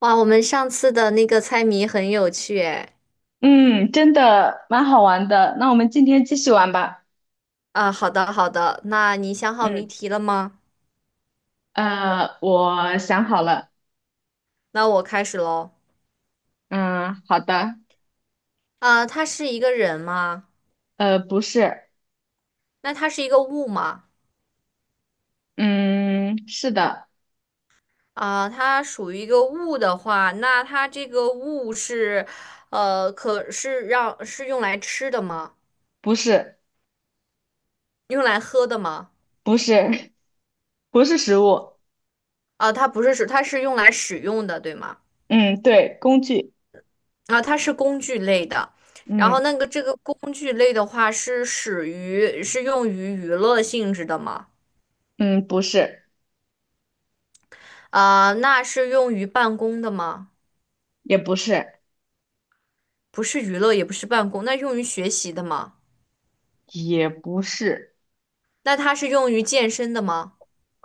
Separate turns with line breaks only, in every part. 哇，我们上次的那个猜谜很有趣诶。
嗯，真的蛮好玩的。那我们今天继续玩吧。
啊，好的好的，那你想好谜
嗯，
题了吗？
我想好了。
那我开始喽。
嗯，好的。
啊，他是一个人吗？
呃，不是，
那他是一个物吗？
嗯，是的，
啊，它属于一个物的话，那它这个物是，可是让是用来吃的吗？
不是，
用来喝的吗？
不是，不是食物。
啊，它不是使，它是用来使用的，对吗？
嗯，对，工具。
啊，它是工具类的。然后
嗯
那个这个工具类的话，是使于是用于娱乐性质的吗？
嗯，不是，
啊，那是用于办公的吗？
也不是，
不是娱乐，也不是办公，那用于学习的吗？
也不是，
那它是用于健身的吗？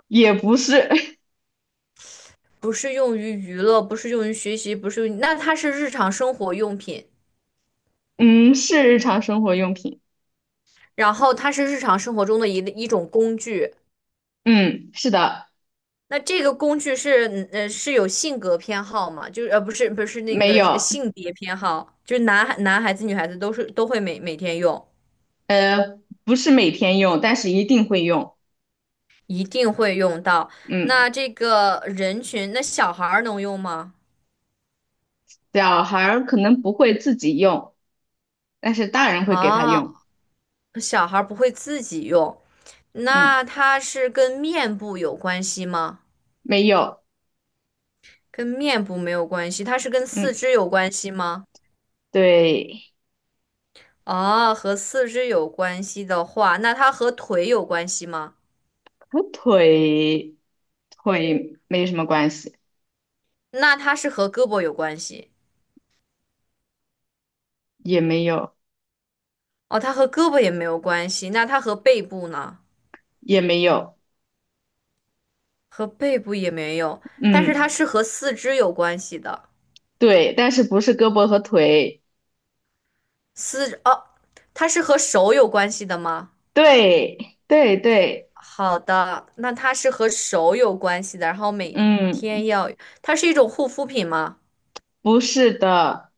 也不是。
不是用于娱乐，不是用于学习，不是用于那它是日常生活用品，
嗯，是日常生活用品。
然后它是日常生活中的一种工具。
嗯，是的，
那这个工具是，是有性格偏好吗？就是，不是，不是那
没
个
有。
性别偏好，就是男孩子、女孩子都是都会每天用，
呃，不是每天用，但是一定会用。
一定会用到。
嗯。
那这个人群，那小孩儿能用吗？
小孩儿可能不会自己用，但是大人会给他用。
啊。小孩儿不会自己用，
嗯，
那它是跟面部有关系吗？
没有。
跟面部没有关系，它是跟四
嗯，
肢有关系吗？
对，
哦，和四肢有关系的话，那它和腿有关系吗？
和腿没什么关系，
那它是和胳膊有关系。
也没有，
哦，它和胳膊也没有关系，那它和背部呢？
也没有。
和背部也没有，但是它
嗯，
是和四肢有关系的。
对，但是不是胳膊和腿？
四，哦，它是和手有关系的吗？
对，对对，
好的，那它是和手有关系的，然后每
嗯，
天要，它是一种护肤品吗？
不是的，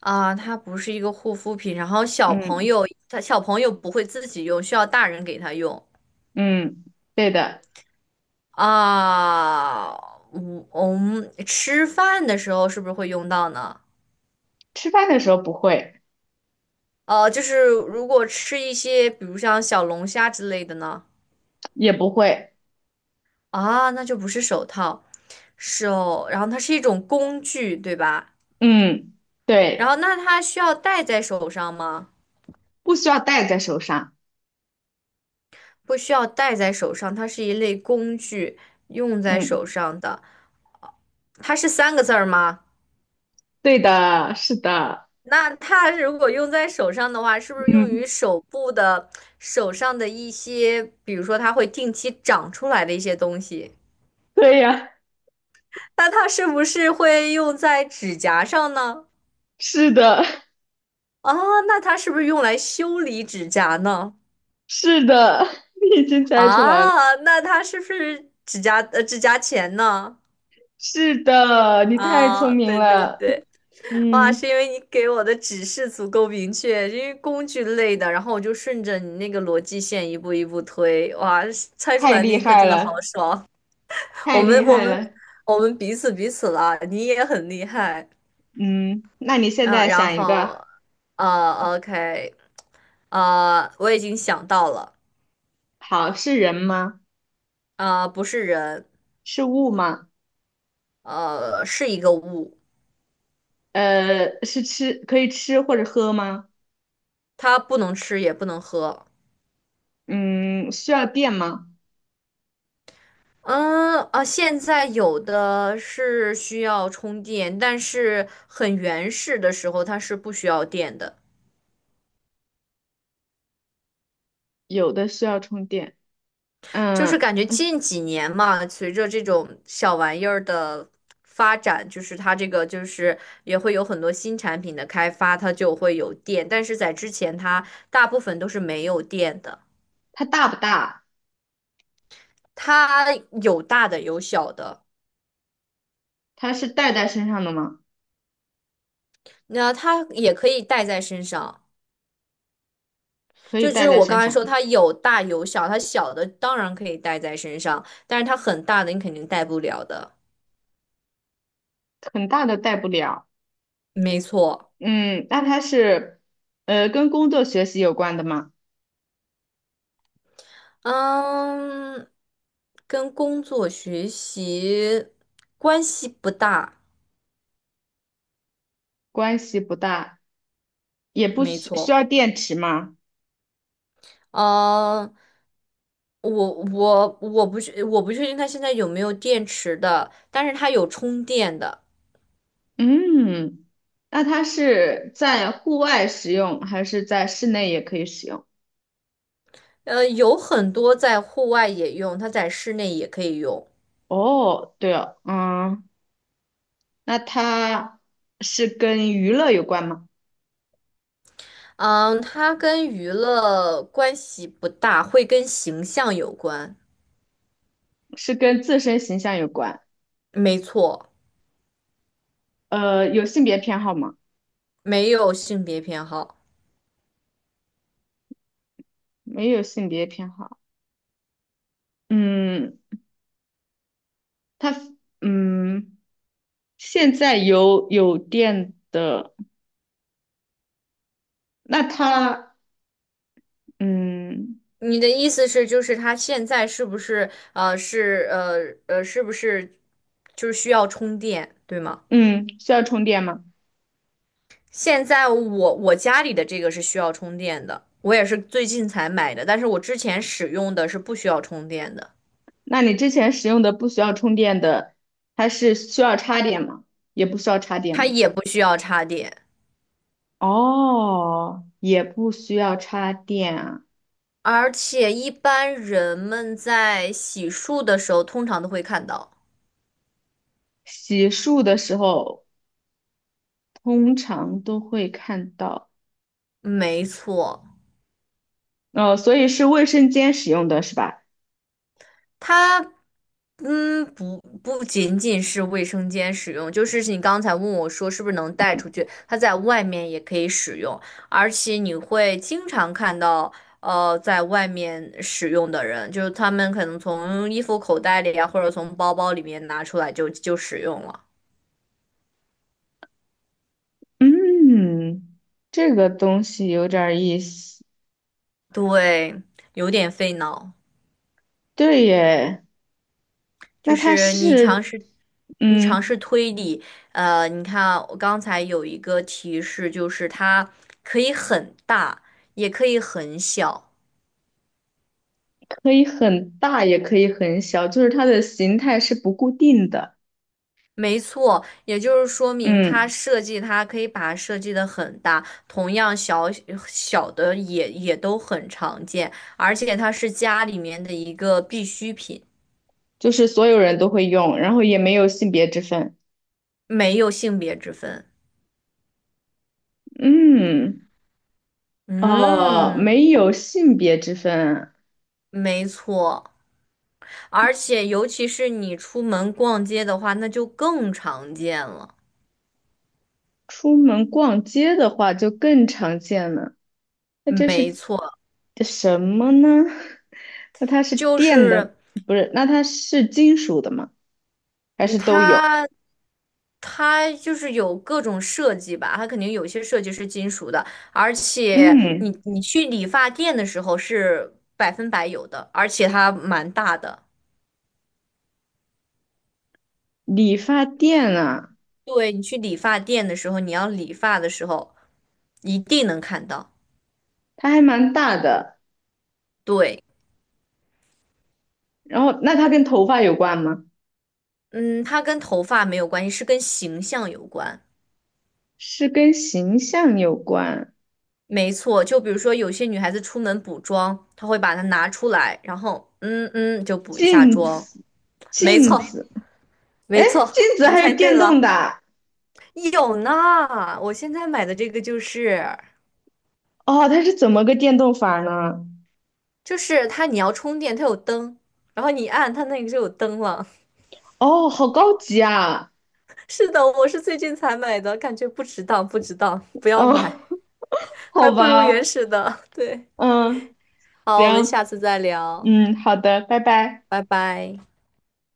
啊，它不是一个护肤品，然后小朋
嗯
友，他小朋友不会自己用，需要大人给他用
嗯，对的。
啊。嗯，我们吃饭的时候是不是会用到呢？
吃饭的时候不会，
就是如果吃一些，比如像小龙虾之类的呢？
也不会。
啊，那就不是手套，手，然后它是一种工具，对吧？
嗯，
然后
对，
那它需要戴在手上吗？
不需要戴在手上。
不需要戴在手上，它是一类工具，用在
嗯，
手上的。它是三个字儿吗？
对的，是的。
那它如果用在手上的话，是不是用
嗯。
于手部的手上的一些，比如说它会定期长出来的一些东西？
对呀，
那它是不是会用在指甲上呢？
是的，
啊，那它是不是用来修理指甲呢？
是的，你已经猜出来了。
啊，那它是不是指甲指甲钳呢？
是的，你太聪
啊，
明
对对
了，
对。哇，
嗯，
是因为你给我的指示足够明确，因为工具类的，然后我就顺着你那个逻辑线一步一步推，哇，猜出
太
来那
厉
一刻
害
真的好
了，
爽。我
太
们
厉
我
害
们
了，
我们彼此彼此了，你也很厉害。
嗯，那你现
嗯，
在
然
想一个，
后OK，我已经想到了，
好，是人吗？
不是人，
是物吗？
是一个物，
呃，是吃，可以吃或者喝吗？
它不能吃也不能喝。
嗯，需要电吗？
现在有的是需要充电，但是很原始的时候它是不需要电的。
有的需要充电。
就是
嗯，
感觉近几年嘛，随着这种小玩意儿的发展，就是它这个就是也会有很多新产品的开发，它就会有电，但是在之前它大部分都是没有电的。
它大不大？
它有大的有小的，
它是带在身上的吗？
那它也可以带在身上。
可以
就就
带
是
在
我刚
身
才
上，
说，它有大有小，它小的当然可以带在身上，但是它很大的你肯定带不了的。
很大的带不了。
没错，
嗯，那它是，跟工作学习有关的吗？
嗯，跟工作学习关系不大，
关系不大，也不
没
需需
错，
要电池吗？
嗯，我我不确定它现在有没有电池的，但是它有充电的，
嗯，那它是在户外使用，还是在室内也可以使用？
有很多在户外也用，它在室内也可以用。
哦，对哦，嗯，那它是跟娱乐有关吗？
嗯，它跟娱乐关系不大，会跟形象有关。
是跟自身形象有关？
没错，
呃，有性别偏好吗？
没有性别偏好。
没有性别偏好。嗯，它，嗯，现在有电的，那它。嗯
你的意思是，就是它现在是不是就是需要充电，对吗？
嗯，需要充电吗？
现在我家里的这个是需要充电的，我也是最近才买的，但是我之前使用的是不需要充电的，
那你之前使用的不需要充电的，它是需要插电吗？也不需要插电
它
吗？
也不需要插电。
哦，也不需要插电啊。
而且一般人们在洗漱的时候，通常都会看到。
洗漱的时候通常都会看到，
没错，
哦，所以是卫生间使用的是吧？
它，嗯，不仅仅是卫生间使用，就是你刚才问我说是不是能带
嗯
出去，它在外面也可以使用，而且你会经常看到，在外面使用的人，就是他们可能从衣服口袋里啊，或者从包包里面拿出来就使用了，
嗯，这个东西有点儿意思。
对，有点费脑。
对耶，
就
那它
是你尝
是，
试，你尝
嗯。
试推理，你看啊我刚才有一个提示，就是它可以很大，也可以很小。
可以很大，也可以很小，就是它的形态是不固定的。
没错，也就是说明它
嗯，
设计，它可以把它设计的很大，同样小小的也都很常见，而且它是家里面的一个必需品，
就是所有人都会用，然后也没有性别之分。
没有性别之分。
嗯，
嗯，
没有性别之分。
没错。而且尤其是你出门逛街的话，那就更常见了。
出门逛街的话就更常见了。那这
没
是
错，
什么呢？那它是
就
电
是
的，不是？那它是金属的吗？还
嗯，
是都有？
它就是有各种设计吧，它肯定有些设计是金属的，而且你
嗯，
你去理发店的时候是百分百有的，而且它蛮大的。
理发店啊，
对，你去理发店的时候，你要理发的时候一定能看到。
它还蛮大的。
对，
然后，那它跟头发有关吗？
嗯，它跟头发没有关系，是跟形象有关。
是跟形象有关。
没错，就比如说有些女孩子出门补妆，她会把它拿出来，然后就补一下
镜
妆。
子，
没
镜
错，
子，哎，
没错，
镜子
你
还
猜
有
对
电动
了。
的啊
有呢，我现在买的这个就是，
哦，它是怎么个电动法呢？
就是它你要充电，它有灯，然后你一按它那个就有灯了。
哦，好高级啊！
是的，我是最近才买的，感觉不值当，不值当，不要
哦，
买，还
好
不如原
吧，
始的。对，
嗯，
好，我们
行，
下次再聊，
嗯，好的，拜拜。
拜拜。